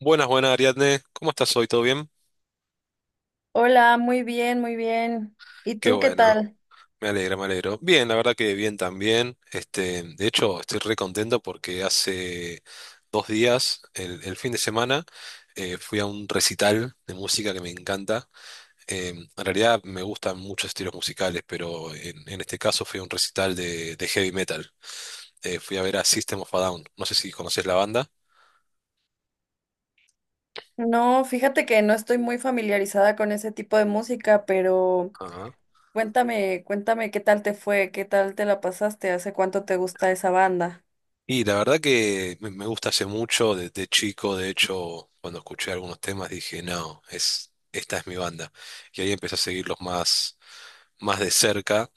Buenas, buenas, Ariadne. ¿Cómo estás hoy? ¿Todo bien? Hola, muy bien, muy bien. ¿Y Qué tú qué bueno. tal? Me alegra, me alegro. Bien, la verdad que bien también. Este, de hecho, estoy re contento porque hace 2 días, el fin de semana, fui a un recital de música que me encanta. Eh, en realidad me gustan muchos estilos musicales, pero en este caso fui a un recital de heavy metal. Fui a ver a System of a Down. No sé si conoces la banda. No, fíjate que no estoy muy familiarizada con ese tipo de música, pero cuéntame, cuéntame qué tal te fue, qué tal te la pasaste, hace cuánto te gusta esa banda. Y la verdad que me gusta hace mucho, desde chico, de hecho, cuando escuché algunos temas dije, no, esta es mi banda. Y ahí empecé a seguirlos más, más de cerca.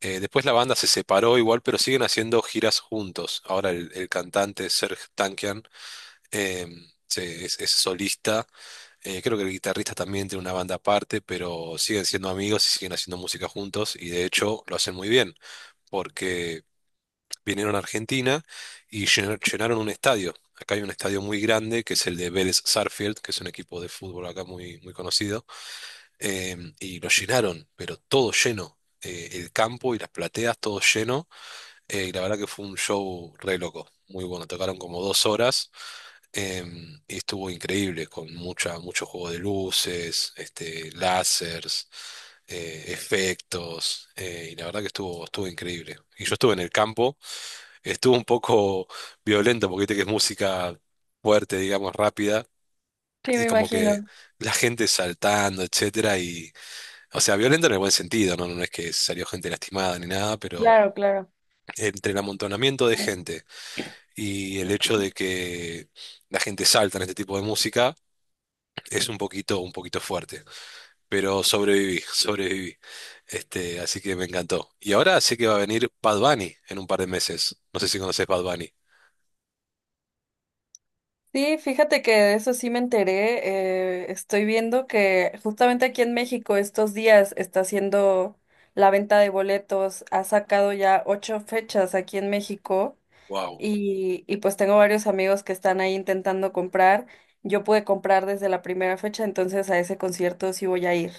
Después la banda se separó igual, pero siguen haciendo giras juntos. Ahora el cantante Serj Tankian eh, es solista. Creo que el guitarrista también tiene una banda aparte, pero siguen siendo amigos y siguen haciendo música juntos. Y de hecho lo hacen muy bien, vinieron a Argentina y llenaron un estadio. Acá hay un estadio muy grande que es el de Vélez Sarsfield, que es un equipo de fútbol acá muy, muy conocido, y lo llenaron, pero todo lleno. El campo y las plateas, todo lleno. Y la verdad que fue un show re loco, muy bueno. Tocaron como 2 horas y estuvo increíble, con mucho juego de luces, este, lásers, efectos, y la verdad que estuvo, estuvo increíble. Y yo estuve en el campo. Estuvo un poco violento porque viste que es música fuerte, digamos, rápida, Sí, y me como que imagino. la gente saltando, etcétera, y, o sea, violento en el buen sentido, ¿no? No es que salió gente lastimada ni nada, pero Claro, claro. entre el amontonamiento de gente y el hecho de que la gente salta en este tipo de música, es un poquito fuerte. Pero sobreviví, sobreviví. Este, así que me encantó. Y ahora sé que va a venir Bad Bunny en un par de meses. No sé si conoces Bad Bunny. Sí, fíjate que de eso sí me enteré. Estoy viendo que justamente aquí en México estos días está haciendo la venta de boletos. Ha sacado ya ocho fechas aquí en México. Wow. Y pues tengo varios amigos que están ahí intentando comprar. Yo pude comprar desde la primera fecha, entonces a ese concierto sí voy a ir.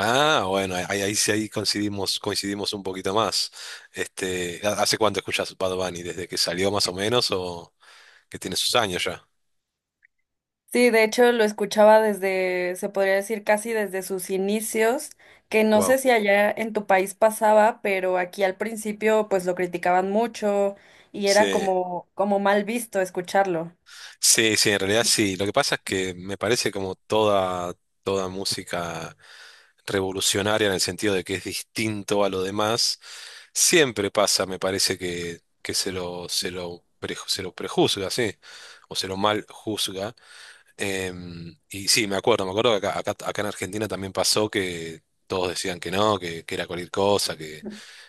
Ah, bueno, ahí, ahí sí ahí coincidimos, coincidimos un poquito más. Este, ¿hace cuánto escuchas Bad Bunny? ¿Desde que salió más o menos o que tiene sus años ya? Sí, de hecho lo escuchaba desde, se podría decir casi desde sus inicios, que no sé Wow. si allá en tu país pasaba, pero aquí al principio pues lo criticaban mucho y Sí, era como mal visto escucharlo. sí, sí, en realidad sí. Lo que pasa es que me parece como toda música revolucionaria en el sentido de que es distinto a lo demás, siempre pasa, me parece que se lo prejuzga, sí, o se lo mal juzga. Y sí, me acuerdo que acá en Argentina también pasó que todos decían que no, que era cualquier cosa,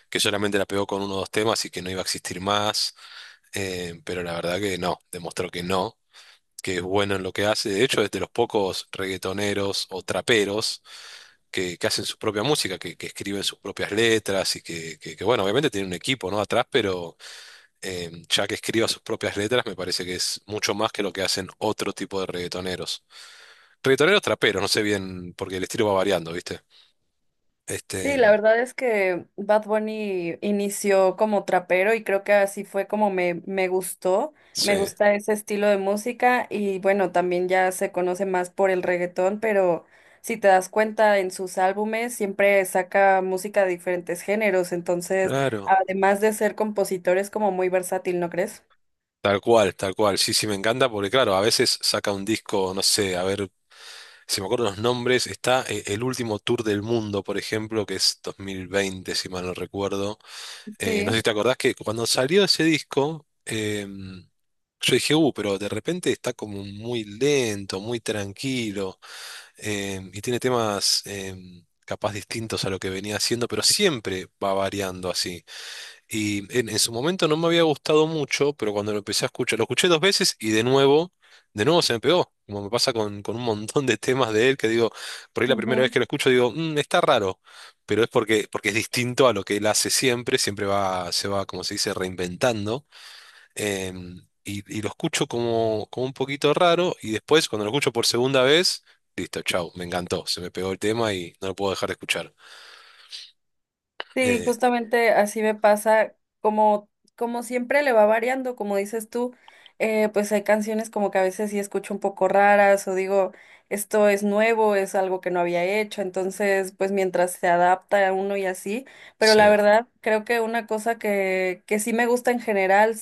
que solamente la pegó con uno o dos temas y que no iba a existir más. Pero la verdad que no, demostró que no, que es bueno en lo que hace. De hecho, es de los pocos reggaetoneros o traperos que hacen su propia música, que escriben sus propias letras y que, bueno, obviamente tienen un equipo, ¿no? atrás, pero ya que escriba sus propias letras, me parece que es mucho más que lo que hacen otro tipo de reggaetoneros. Reggaetoneros traperos, no sé bien, porque el estilo va variando, ¿viste? Este, Sí, la verdad es que Bad Bunny inició como trapero y creo que así fue como me gustó. sí, Me gusta ese estilo de música y bueno, también ya se conoce más por el reggaetón, pero si te das cuenta en sus álbumes siempre saca música de diferentes géneros, entonces claro. además de ser compositor es como muy versátil, ¿no crees? Tal cual, tal cual. Sí, sí, me encanta porque, claro, a veces saca un disco, no sé, a ver, si me acuerdo los nombres, está el último tour del mundo, por ejemplo, que es 2020, si mal no recuerdo. No sé Sí. si te acordás que cuando salió ese disco, yo dije, pero de repente está como muy lento, muy tranquilo, y tiene temas capaz distintos a lo que venía haciendo, pero siempre va variando así. Y en su momento no me había gustado mucho, pero cuando lo empecé a escuchar, lo escuché dos veces y de nuevo se me pegó. Como me pasa con un montón de temas de él que digo, por ahí la primera vez Ujú. que lo escucho digo, "Mm, está raro, pero es porque es distinto a lo que él hace siempre, siempre va, se va, como se dice, reinventando. Y lo escucho como un poquito raro y después cuando lo escucho por segunda vez, listo, chau, me encantó, se me pegó el tema y no lo puedo dejar de escuchar. Sí, Eh, justamente así me pasa, como, como siempre le va variando, como dices tú, pues hay canciones como que a veces sí escucho un poco raras o digo, esto es nuevo, es algo que no había hecho, entonces pues mientras se adapta a uno y así, pero sí, la verdad creo que una cosa que sí me gusta en general,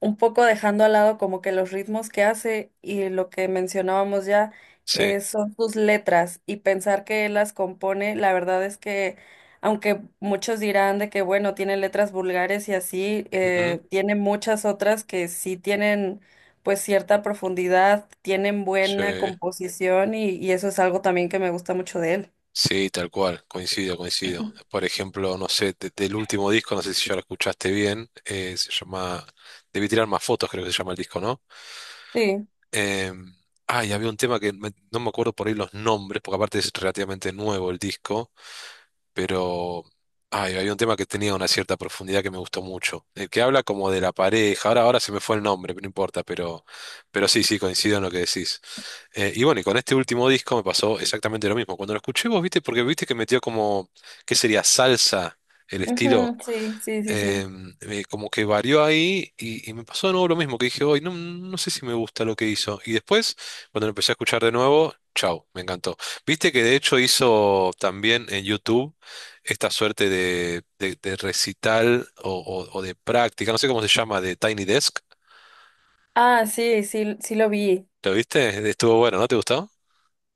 un poco dejando al lado como que los ritmos que hace y lo que mencionábamos ya sí. Son sus letras y pensar que él las compone, la verdad es que aunque muchos dirán de que bueno, tiene letras vulgares y así, Ujú, tiene muchas otras que sí tienen pues cierta profundidad, tienen buena sí. composición y eso es algo también que me gusta mucho de él. Sí, tal cual, coincido, coincido. Por ejemplo, no sé, del último disco, no sé si ya lo escuchaste bien, se llama, debí tirar más fotos, creo que se llama el disco, ¿no? Sí, Eh, y había un tema que no me acuerdo por ahí los nombres, porque aparte es relativamente nuevo el disco, pero había un tema que tenía una cierta profundidad que me gustó mucho. El que habla como de la pareja, ahora se me fue el nombre, pero no importa, pero, sí, sí, coincido en lo que decís. Y bueno, y con este último disco me pasó exactamente lo mismo. Cuando lo escuché, vos viste, porque viste que metió como, ¿qué sería? Salsa, el estilo, ujú, sí, sí, sí, eh, sí. Como que varió ahí y me pasó de nuevo lo mismo, que dije, hoy no, no sé si me gusta lo que hizo. Y después, cuando lo empecé a escuchar de nuevo, chau, me encantó. Viste que de hecho hizo también en YouTube esta suerte de recital o de práctica, no sé cómo se llama, de Tiny Desk. Ah, sí, sí, sí lo vi. ¿Lo viste? Estuvo bueno, ¿no te gustó?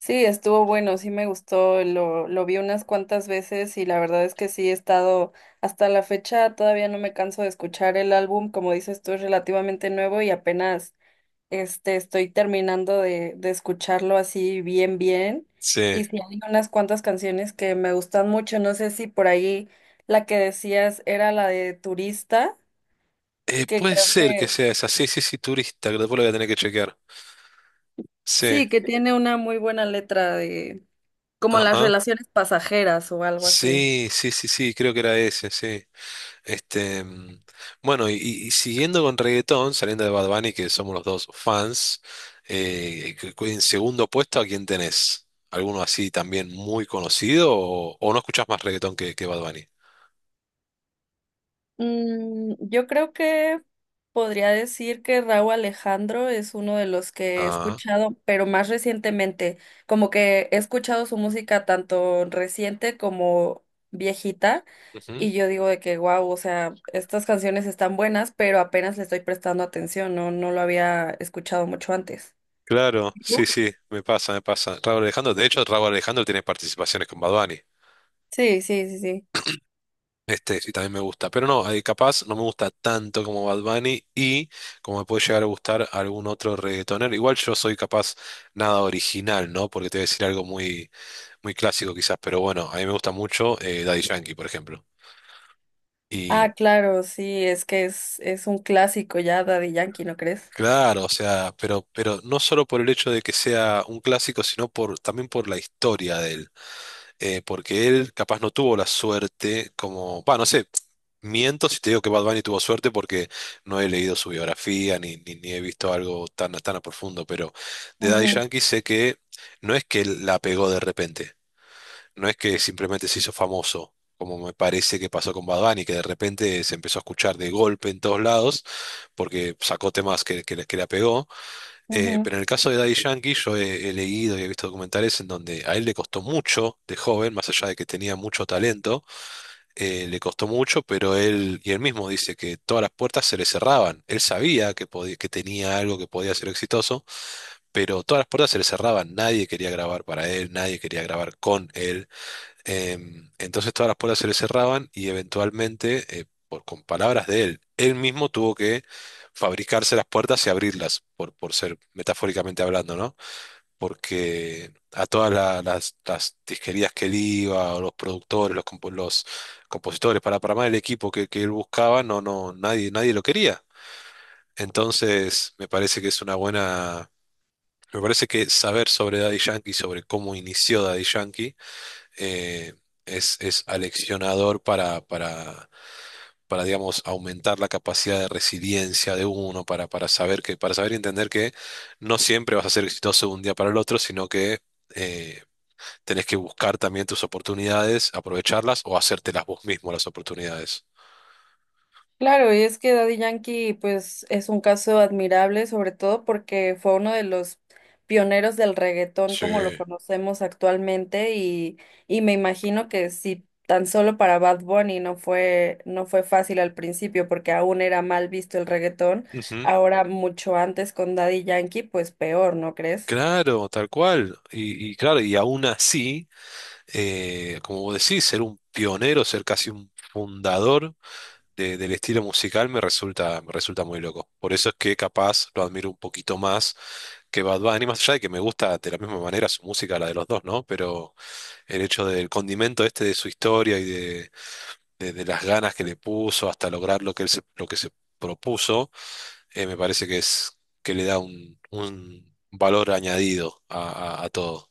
Sí, estuvo bueno, sí me gustó, lo vi unas cuantas veces y la verdad es que sí he estado hasta la fecha, todavía no me canso de escuchar el álbum, como dices tú, es relativamente nuevo y apenas estoy terminando de escucharlo así bien bien. Sí. Y sí hay unas cuantas canciones que me gustan mucho, no sé si por ahí la que decías era la de Turista, que Puede creo ser que que sea esa. Sí, sí, sí, turista, que después lo voy a tener que chequear. Sí, sí, que tiene una muy buena letra de como las ajá. relaciones pasajeras o algo así. Sí, sí, sí, sí, creo que era ese, sí. Este, bueno, y siguiendo con reggaetón, saliendo de Bad Bunny, que somos los dos fans, que en segundo puesto, ¿a quién tenés? ¿Alguno así también muy conocido o no escuchás más reggaetón que Bad Bunny? Yo creo que podría decir que Raúl Alejandro es uno de los que he Ah, escuchado, pero más recientemente, como que he escuchado su música tanto reciente como viejita, ujú. y yo digo de que, wow, o sea, estas canciones están buenas, pero apenas le estoy prestando atención, no, no lo había escuchado mucho antes. Claro, ¿Y sí, tú? sí, me pasa, me pasa. Raúl Alejandro, de hecho, Raúl Alejandro tiene participaciones con Bad Bunny. Sí, sí, sí, sí. Este, y también me gusta. Pero no, capaz no me gusta tanto como Bad Bunny y como me puede llegar a gustar algún otro reggaetonero. Igual yo soy capaz nada original, ¿no? Porque te voy a decir algo muy, muy clásico quizás, pero bueno, a mí me gusta mucho Daddy Yankee, por ejemplo. Y Ah, claro, sí, es que es un clásico ya, Daddy Yankee, ¿no crees? claro, o sea, pero, no solo por el hecho de que sea un clásico, sino también por la historia de él. Porque él capaz no tuvo la suerte como, va, no sé, miento si te digo que Bad Bunny tuvo suerte porque no he leído su biografía ni he visto algo tan, tan a profundo, pero de Daddy Ujú, Yankee sé que no es que él la pegó de repente, no es que simplemente se hizo famoso. Como me parece que pasó con Bad Bunny, que de repente se empezó a escuchar de golpe en todos lados, porque sacó temas que la pegó, ujú. pero en el caso de Daddy Yankee, yo he leído y he visto documentales en donde a él le costó mucho de joven, más allá de que tenía mucho talento, le costó mucho, pero y él mismo dice que todas las puertas se le cerraban. Él sabía que podía, que tenía algo que podía ser exitoso, pero todas las puertas se le cerraban. Nadie quería grabar para él, nadie quería grabar con él. Entonces todas las puertas se le cerraban y eventualmente, con palabras de él, él mismo tuvo que fabricarse las puertas y abrirlas, por ser metafóricamente hablando, ¿no? Porque a todas las disquerías que él iba, o los productores, los compositores, para más el equipo que él buscaba, no, no, nadie, nadie lo quería. Entonces, me parece que es una buena... Me parece que saber sobre Daddy Yankee, sobre cómo inició Daddy Yankee, eh, es aleccionador para, digamos, aumentar la capacidad de resiliencia de uno, para saber y entender que no siempre vas a ser exitoso de un día para el otro, sino que eh, tenés que buscar también tus oportunidades, aprovecharlas o hacértelas vos mismo las oportunidades. Claro, y es que Daddy Yankee, pues, es un caso admirable, sobre todo porque fue uno de los pioneros del reggaetón Sí. como lo conocemos actualmente, y me imagino que si tan solo para Bad Bunny no fue fácil al principio, porque aún era mal visto el reggaetón, Ujú. ahora mucho antes con Daddy Yankee, pues peor, ¿no crees? Claro, tal cual. Y claro, y aún así, como vos decís, ser un pionero, ser casi un fundador del estilo musical me resulta muy loco. Por eso es que capaz lo admiro un poquito más que Bad Bunny, más allá de que me gusta de la misma manera su música, la de los dos, ¿no? Pero el hecho del condimento este de su historia y de las ganas que le puso hasta lograr lo que se propuso, me parece que es que le da un valor añadido a todo.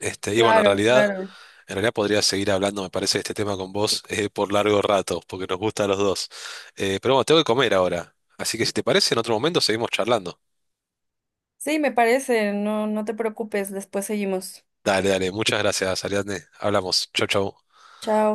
Este, y bueno, Claro, claro. en realidad podría seguir hablando, me parece, de este tema con vos por largo rato, porque nos gusta a los dos. Pero bueno, tengo que comer ahora. Así que si te parece, en otro momento seguimos charlando. Sí, me parece, no, no te preocupes, después seguimos. Dale, dale. Muchas gracias, Ariadne. Hablamos. Chau, chau. Chao.